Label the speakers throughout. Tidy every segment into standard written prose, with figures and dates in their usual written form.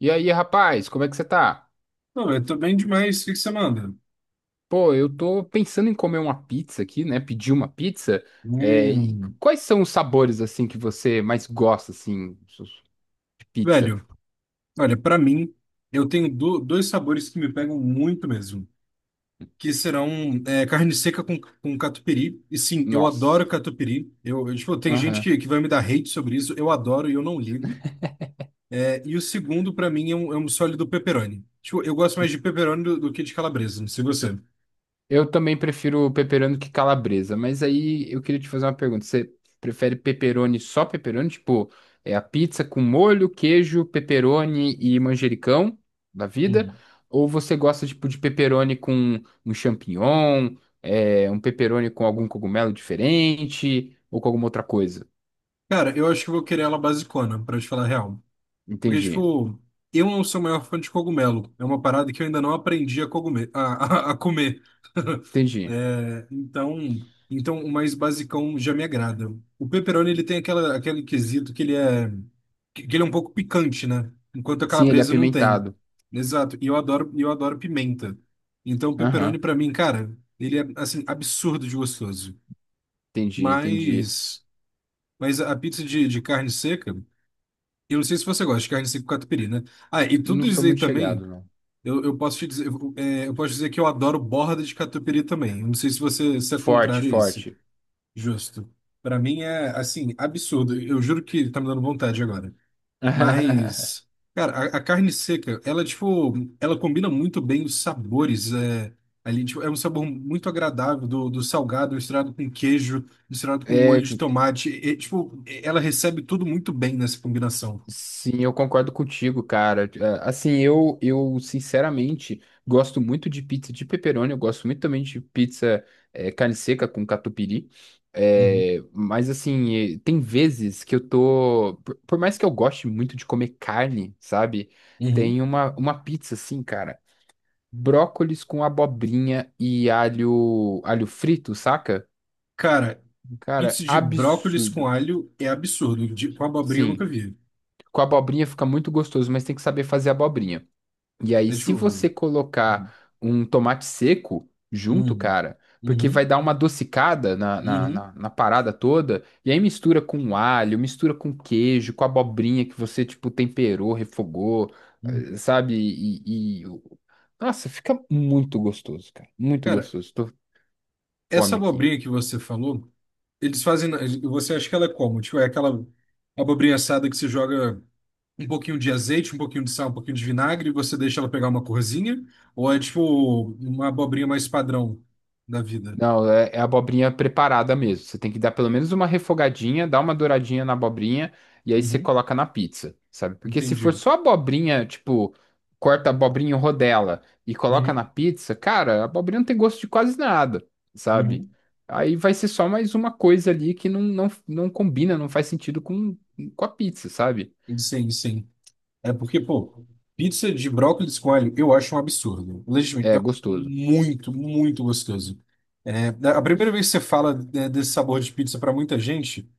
Speaker 1: E aí, rapaz, como é que você tá?
Speaker 2: Não, eu tô bem demais. O que que você manda?
Speaker 1: Pô, eu tô pensando em comer uma pizza aqui, né? Pedir uma pizza. É, e
Speaker 2: Hum,
Speaker 1: quais são os sabores, assim, que você mais gosta, assim, de pizza?
Speaker 2: velho, olha, pra mim, eu tenho dois sabores que me pegam muito mesmo, que serão carne seca com catupiry. E sim, eu
Speaker 1: Nossa.
Speaker 2: adoro catupiry. Tipo, tem gente que vai me dar hate sobre isso. Eu adoro e eu não ligo. É, e o segundo, pra mim, é um sólido pepperoni. Tipo, eu gosto mais de pepperoni do que de calabresa, não sei você.
Speaker 1: Eu também prefiro pepperoni que calabresa, mas aí eu queria te fazer uma pergunta. Você prefere pepperoni só pepperoni? Tipo, é a pizza com molho, queijo, pepperoni e manjericão da vida?
Speaker 2: Hum.
Speaker 1: Ou você gosta, tipo, de pepperoni com um champignon, um pepperoni com algum cogumelo diferente ou com alguma outra coisa?
Speaker 2: Cara, eu acho que eu vou querer ela basicona, pra te falar a real. Porque,
Speaker 1: Entendi,
Speaker 2: tipo, eu não sou o maior fã de cogumelo. É uma parada que eu ainda não aprendi a, cogume- a comer.
Speaker 1: entendi.
Speaker 2: É, então, então, o mais basicão já me agrada. O pepperoni, aquele quesito que que ele é um pouco picante, né? Enquanto a
Speaker 1: Sim, ele é
Speaker 2: calabresa não tem.
Speaker 1: apimentado.
Speaker 2: Exato. E eu adoro pimenta. Então, o pepperoni,
Speaker 1: Aham,
Speaker 2: pra mim, cara, ele é, assim, absurdo de gostoso.
Speaker 1: entendi, entendi.
Speaker 2: Mas, mas a pizza de carne seca. Eu não sei se você gosta de carne seca com catupiry, né? Ah, e
Speaker 1: Não
Speaker 2: tudo
Speaker 1: sou
Speaker 2: isso aí
Speaker 1: muito
Speaker 2: também,
Speaker 1: chegado, não.
Speaker 2: eu posso te dizer, eu posso dizer que eu adoro borda de catupiry também. Eu não sei se é
Speaker 1: Forte,
Speaker 2: contrário a isso.
Speaker 1: forte.
Speaker 2: Justo. Pra mim é, assim, absurdo. Eu juro que tá me dando vontade agora. Mas, cara, a carne seca, ela, tipo, ela combina muito bem os sabores. É, ali, tipo, é um sabor muito agradável do salgado misturado com queijo, misturado com
Speaker 1: É,
Speaker 2: molho de tomate. E, tipo, ela recebe tudo muito bem nessa combinação.
Speaker 1: sim, eu concordo contigo, cara. É, assim, eu sinceramente gosto muito de pizza de pepperoni, eu gosto muito também de pizza carne seca com catupiry. É, mas assim, tem vezes que eu tô. Por mais que eu goste muito de comer carne, sabe?
Speaker 2: Uhum.
Speaker 1: Tem uma pizza assim, cara. Brócolis com abobrinha e alho, alho frito, saca?
Speaker 2: Cara, pizza
Speaker 1: Cara,
Speaker 2: de brócolis com
Speaker 1: absurdo.
Speaker 2: alho é absurdo. De, com abobrinha eu nunca
Speaker 1: Sim.
Speaker 2: vi.
Speaker 1: Com abobrinha fica muito gostoso, mas tem que saber fazer abobrinha. E aí,
Speaker 2: É tipo,
Speaker 1: se você
Speaker 2: uhum.
Speaker 1: colocar um tomate seco junto,
Speaker 2: Uhum.
Speaker 1: cara, porque vai
Speaker 2: Uhum.
Speaker 1: dar uma adocicada na, na,
Speaker 2: Uhum.
Speaker 1: na, na parada toda, e aí mistura com alho, mistura com queijo, com abobrinha que você, tipo, temperou, refogou,
Speaker 2: Uhum.
Speaker 1: sabe? Nossa, fica muito gostoso, cara. Muito
Speaker 2: Cara,
Speaker 1: gostoso. Tô com fome
Speaker 2: essa
Speaker 1: aqui.
Speaker 2: abobrinha que você falou, eles fazem. na- Você acha que ela é como? Tipo, é aquela abobrinha assada que você joga um pouquinho de azeite, um pouquinho de sal, um pouquinho de vinagre e você deixa ela pegar uma corzinha? Ou é tipo uma abobrinha mais padrão da vida?
Speaker 1: Não, é, é abobrinha preparada mesmo. Você tem que dar pelo menos uma refogadinha, dar uma douradinha na abobrinha e aí você
Speaker 2: Uhum.
Speaker 1: coloca na pizza, sabe? Porque se for
Speaker 2: Entendi.
Speaker 1: só abobrinha, tipo, corta a abobrinha em rodela e coloca
Speaker 2: Uhum.
Speaker 1: na pizza, cara, a abobrinha não tem gosto de quase nada, sabe?
Speaker 2: Uhum.
Speaker 1: Aí vai ser só mais uma coisa ali que não combina, não faz sentido com a pizza, sabe?
Speaker 2: Sim, sim. É porque, pô, pizza de brócolis com alho eu acho um absurdo. Legitimamente,
Speaker 1: É
Speaker 2: eu acho
Speaker 1: gostoso.
Speaker 2: muito, muito gostoso. É, a primeira vez que você fala desse sabor de pizza pra muita gente,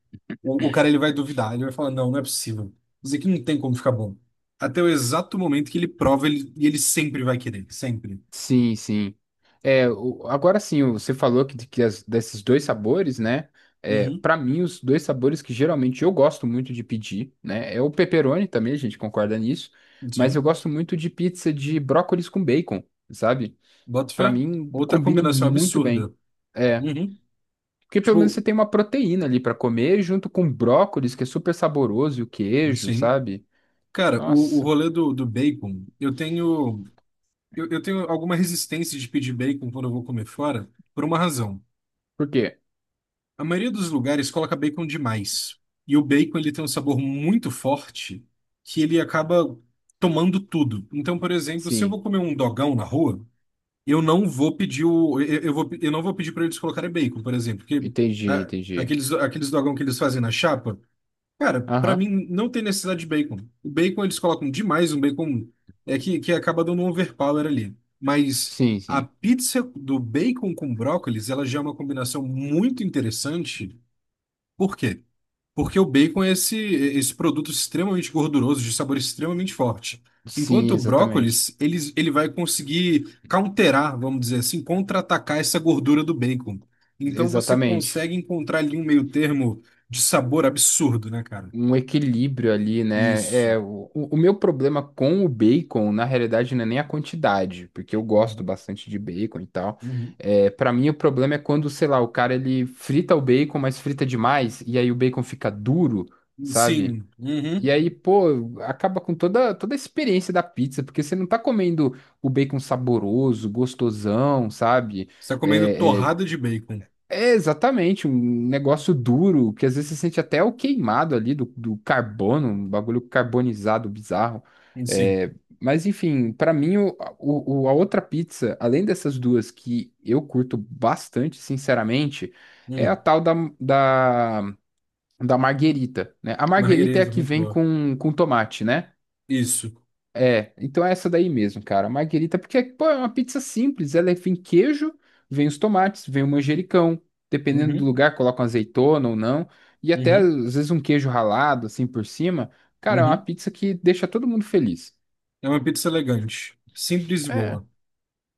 Speaker 2: o cara ele vai duvidar, ele vai falar, não, não é possível. Isso aqui não tem como ficar bom. Até o exato momento que ele prova, e ele sempre vai querer, sempre.
Speaker 1: Sim, sim. É, agora sim, você falou que, desses dois sabores, né? É,
Speaker 2: Uhum,
Speaker 1: para mim, os dois sabores que geralmente eu gosto muito de pedir, né? É o pepperoni também, a gente concorda nisso. Mas
Speaker 2: sim.
Speaker 1: eu gosto muito de pizza de brócolis com bacon, sabe?
Speaker 2: Bota
Speaker 1: Pra
Speaker 2: fé.
Speaker 1: mim,
Speaker 2: Outra
Speaker 1: combina
Speaker 2: combinação
Speaker 1: muito bem.
Speaker 2: absurda.
Speaker 1: É,
Speaker 2: Uhum.
Speaker 1: porque pelo menos você
Speaker 2: Tipo,
Speaker 1: tem uma proteína ali pra comer, junto com brócolis, que é super saboroso, e o queijo,
Speaker 2: sim.
Speaker 1: sabe?
Speaker 2: Cara, o
Speaker 1: Nossa.
Speaker 2: rolê do bacon, eu tenho. Eu tenho alguma resistência de pedir bacon quando eu vou comer fora, por uma razão.
Speaker 1: Por quê?
Speaker 2: A maioria dos lugares coloca bacon demais. E o bacon ele tem um sabor muito forte que ele acaba tomando tudo. Então, por exemplo, se eu
Speaker 1: Sim,
Speaker 2: vou comer um dogão na rua, eu não vou pedir para eles colocarem bacon, por exemplo, porque
Speaker 1: entendi,
Speaker 2: ah,
Speaker 1: entendi.
Speaker 2: aqueles aqueles dogão que eles fazem na chapa. Cara, pra
Speaker 1: Aham,
Speaker 2: mim não tem necessidade de bacon. O bacon eles colocam demais, um bacon que acaba dando um overpower ali. Mas
Speaker 1: sim,
Speaker 2: a
Speaker 1: sim.
Speaker 2: pizza do bacon com brócolis, ela já é uma combinação muito interessante. Por quê? Porque o bacon é esse, esse produto extremamente gorduroso, de sabor extremamente forte. Enquanto
Speaker 1: Sim,
Speaker 2: o
Speaker 1: exatamente.
Speaker 2: brócolis, ele vai conseguir counterar, vamos dizer assim, contra-atacar essa gordura do bacon. Então você
Speaker 1: Exatamente.
Speaker 2: consegue encontrar ali um meio termo de sabor absurdo, né, cara?
Speaker 1: Um equilíbrio ali, né?
Speaker 2: Isso.
Speaker 1: É, o meu problema com o bacon, na realidade, não é nem a quantidade, porque eu gosto
Speaker 2: Uhum,
Speaker 1: bastante de bacon e tal.
Speaker 2: uhum.
Speaker 1: É, para mim, o problema é quando, sei lá, o cara ele frita o bacon, mas frita demais, e aí o bacon fica duro, sabe?
Speaker 2: Sim. Uhum.
Speaker 1: E aí, pô, acaba com toda, toda a experiência da pizza, porque você não tá comendo o bacon saboroso, gostosão, sabe?
Speaker 2: Você está comendo
Speaker 1: É,
Speaker 2: torrada de bacon.
Speaker 1: é exatamente um negócio duro, que às vezes você sente até o queimado ali do, do carbono, um bagulho carbonizado bizarro.
Speaker 2: Sim.
Speaker 1: É, mas enfim, pra mim, a outra pizza, além dessas duas que eu curto bastante, sinceramente, é a
Speaker 2: Hum.
Speaker 1: tal da, da marguerita, né? A marguerita é a
Speaker 2: Marguerita,
Speaker 1: que
Speaker 2: muito
Speaker 1: vem
Speaker 2: boa.
Speaker 1: com tomate, né?
Speaker 2: Isso.
Speaker 1: É, então é essa daí mesmo, cara. Marguerita, porque, pô, é uma pizza simples. Ela é, vem queijo, vem os tomates, vem o manjericão. Dependendo do
Speaker 2: Uhum,
Speaker 1: lugar, colocam azeitona ou não. E até,
Speaker 2: uhum,
Speaker 1: às vezes, um queijo ralado, assim, por cima. Cara, é uma
Speaker 2: uhum.
Speaker 1: pizza que deixa todo mundo feliz.
Speaker 2: É uma pizza elegante. Simples e
Speaker 1: É,
Speaker 2: boa.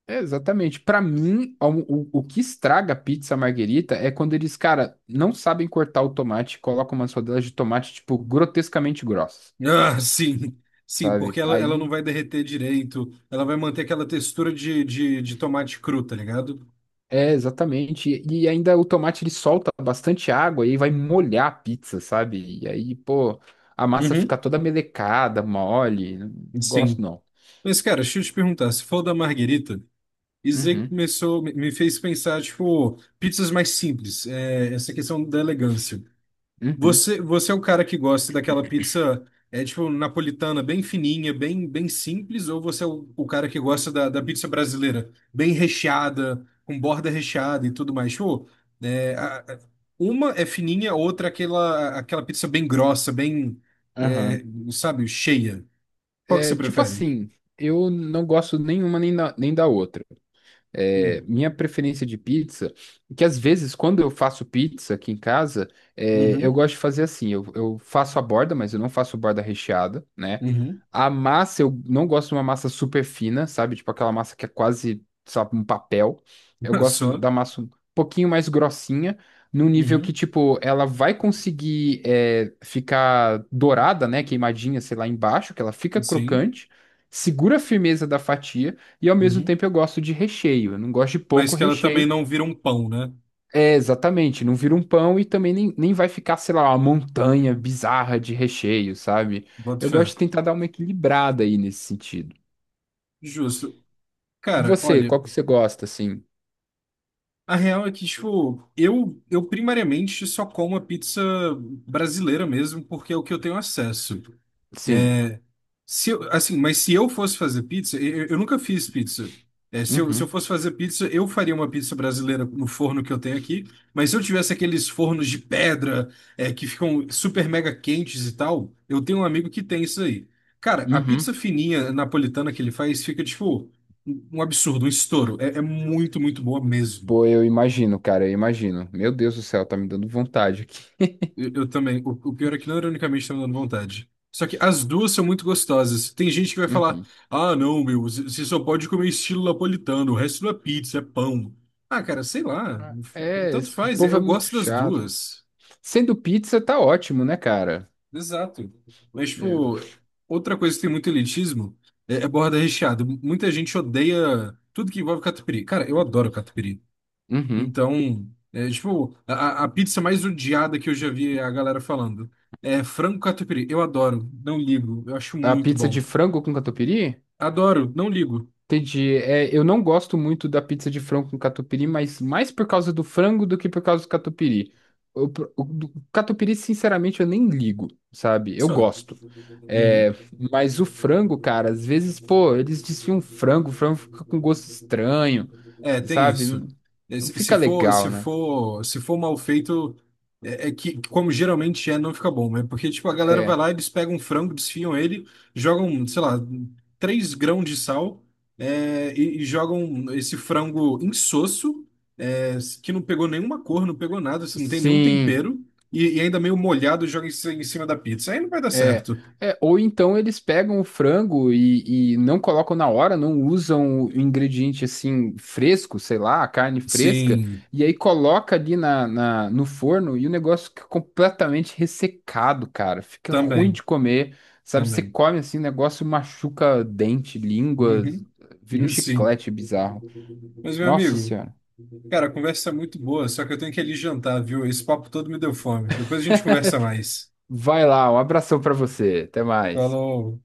Speaker 1: é exatamente. Pra mim, o que estraga a pizza Marguerita é quando eles, cara, não sabem cortar o tomate e colocam umas rodelas de tomate, tipo, grotescamente grossas.
Speaker 2: Ah, sim. Sim,
Speaker 1: Sabe?
Speaker 2: porque ela não
Speaker 1: Aí
Speaker 2: vai derreter direito. Ela vai manter aquela textura de tomate cru, tá ligado?
Speaker 1: é, exatamente. E ainda o tomate ele solta bastante água e aí vai molhar a pizza, sabe? E aí, pô, a massa
Speaker 2: Uhum.
Speaker 1: fica toda melecada, mole. Não gosto
Speaker 2: Sim.
Speaker 1: não.
Speaker 2: Mas, cara, deixa eu te perguntar. Se for da Marguerita, isso aí
Speaker 1: Uhum,
Speaker 2: começou, me fez pensar, tipo, pizzas mais simples, é, essa questão da elegância.
Speaker 1: uhum,
Speaker 2: Você é o cara que gosta daquela pizza, é, tipo, napolitana, bem fininha, bem, bem simples, ou você é o cara que gosta da pizza brasileira, bem recheada, com borda recheada e tudo mais? Tipo, é, a- a- uma é fininha, a outra é aquela, aquela pizza bem grossa, bem,
Speaker 1: aham.
Speaker 2: é, sabe, cheia. Qual que
Speaker 1: É,
Speaker 2: você
Speaker 1: tipo
Speaker 2: prefere?
Speaker 1: assim, eu não gosto nenhuma nem da, nem da outra. É,
Speaker 2: Hum.
Speaker 1: minha preferência de pizza, que às vezes quando eu faço pizza aqui em casa, é, eu
Speaker 2: Uhum,
Speaker 1: gosto de fazer assim, eu faço a borda, mas eu não faço borda recheada, né?
Speaker 2: uhum.
Speaker 1: A massa, eu não gosto de uma massa super fina, sabe? Tipo aquela massa que é quase, sabe, um papel. Eu gosto
Speaker 2: Só.
Speaker 1: da massa um pouquinho mais grossinha, num nível que,
Speaker 2: Uhum.
Speaker 1: tipo, ela vai conseguir é, ficar dourada, né? Queimadinha, sei lá, embaixo, que ela fica
Speaker 2: Sim.
Speaker 1: crocante, segura a firmeza da fatia, e ao mesmo
Speaker 2: Uhum.
Speaker 1: tempo eu gosto de recheio. Eu não gosto de
Speaker 2: Mas
Speaker 1: pouco
Speaker 2: que ela também
Speaker 1: recheio.
Speaker 2: não vira um pão, né?
Speaker 1: É, exatamente. Não vira um pão e também nem vai ficar, sei lá, uma montanha bizarra de recheio, sabe?
Speaker 2: Boto
Speaker 1: Eu
Speaker 2: fé.
Speaker 1: gosto de tentar dar uma equilibrada aí nesse sentido.
Speaker 2: Justo.
Speaker 1: E
Speaker 2: Cara,
Speaker 1: você,
Speaker 2: olha,
Speaker 1: qual que você gosta, assim?
Speaker 2: a real é que, tipo, eu primariamente só como a pizza brasileira mesmo, porque é o que eu tenho acesso.
Speaker 1: Sim.
Speaker 2: Se eu- assim, mas se eu fosse fazer pizza, eu nunca fiz pizza. É, se eu
Speaker 1: Uhum.
Speaker 2: fosse fazer pizza, eu faria uma pizza brasileira no forno que eu tenho aqui. Mas se eu tivesse aqueles fornos de pedra, é, que ficam super mega quentes e tal, eu tenho um amigo que tem isso aí. Cara, a pizza
Speaker 1: Uhum.
Speaker 2: fininha napolitana que ele faz fica, tipo, um absurdo, um estouro. É, é muito, muito boa mesmo.
Speaker 1: Pô, eu imagino, cara, eu imagino. Meu Deus do céu, tá me dando vontade aqui.
Speaker 2: Eu também. O pior é que não ironicamente tá me dando vontade. Só que as duas são muito gostosas. Tem gente que vai falar:
Speaker 1: Uhum.
Speaker 2: ah, não, meu, você só pode comer estilo napolitano, o resto não é pizza, é pão. Ah, cara, sei lá.
Speaker 1: Ah, é,
Speaker 2: Tanto
Speaker 1: esse
Speaker 2: faz,
Speaker 1: povo
Speaker 2: eu
Speaker 1: é muito
Speaker 2: gosto das
Speaker 1: chato.
Speaker 2: duas.
Speaker 1: Sendo pizza, tá ótimo, né, cara?
Speaker 2: Exato. Mas, tipo,
Speaker 1: É.
Speaker 2: outra coisa que tem muito elitismo é borda recheada. Muita gente odeia tudo que envolve catupiry. Cara, eu adoro catupiry.
Speaker 1: Uhum.
Speaker 2: Então, é, tipo, a pizza mais odiada que eu já vi a galera falando é frango catupiry. Eu adoro, não ligo, eu acho
Speaker 1: A
Speaker 2: muito
Speaker 1: pizza de
Speaker 2: bom.
Speaker 1: frango com catupiry?
Speaker 2: Adoro, não ligo.
Speaker 1: Entendi. É, eu não gosto muito da pizza de frango com catupiry, mas mais por causa do frango do que por causa do catupiry. O, o do catupiry, sinceramente, eu nem ligo, sabe? Eu
Speaker 2: Funciona.
Speaker 1: gosto. É,
Speaker 2: Uhum.
Speaker 1: mas o frango, cara, às vezes, pô, eles desfiam frango, o frango fica com gosto estranho,
Speaker 2: É, tem
Speaker 1: sabe?
Speaker 2: isso.
Speaker 1: Não,
Speaker 2: É,
Speaker 1: não
Speaker 2: se
Speaker 1: fica
Speaker 2: for,
Speaker 1: legal,
Speaker 2: se
Speaker 1: né?
Speaker 2: for, se for mal feito, é, é que, como geralmente é, não fica bom, né? Porque, tipo, a galera vai
Speaker 1: É,
Speaker 2: lá, eles pegam um frango, desfiam ele, jogam, sei lá, três grãos de sal, é, e jogam esse frango insosso, é, que não pegou nenhuma cor, não pegou nada, assim, não tem nenhum
Speaker 1: sim.
Speaker 2: tempero. E ainda meio molhado joga em cima da pizza. Aí não vai dar
Speaker 1: É,
Speaker 2: certo.
Speaker 1: é, ou então eles pegam o frango e não colocam na hora, não usam o ingrediente assim fresco, sei lá, a carne fresca,
Speaker 2: Sim,
Speaker 1: e aí coloca ali na, no forno e o negócio fica completamente ressecado, cara. Fica ruim
Speaker 2: também,
Speaker 1: de comer, sabe? Você
Speaker 2: também.
Speaker 1: come assim, o negócio machuca dente, língua,
Speaker 2: Uhum,
Speaker 1: vira um
Speaker 2: sim.
Speaker 1: chiclete bizarro.
Speaker 2: Mas, meu
Speaker 1: Nossa
Speaker 2: amigo,
Speaker 1: Senhora.
Speaker 2: cara, a conversa é muito boa, só que eu tenho que ir ali jantar, viu? Esse papo todo me deu fome. Depois a gente conversa mais.
Speaker 1: Vai lá, um abração pra você. Até mais.
Speaker 2: Falou.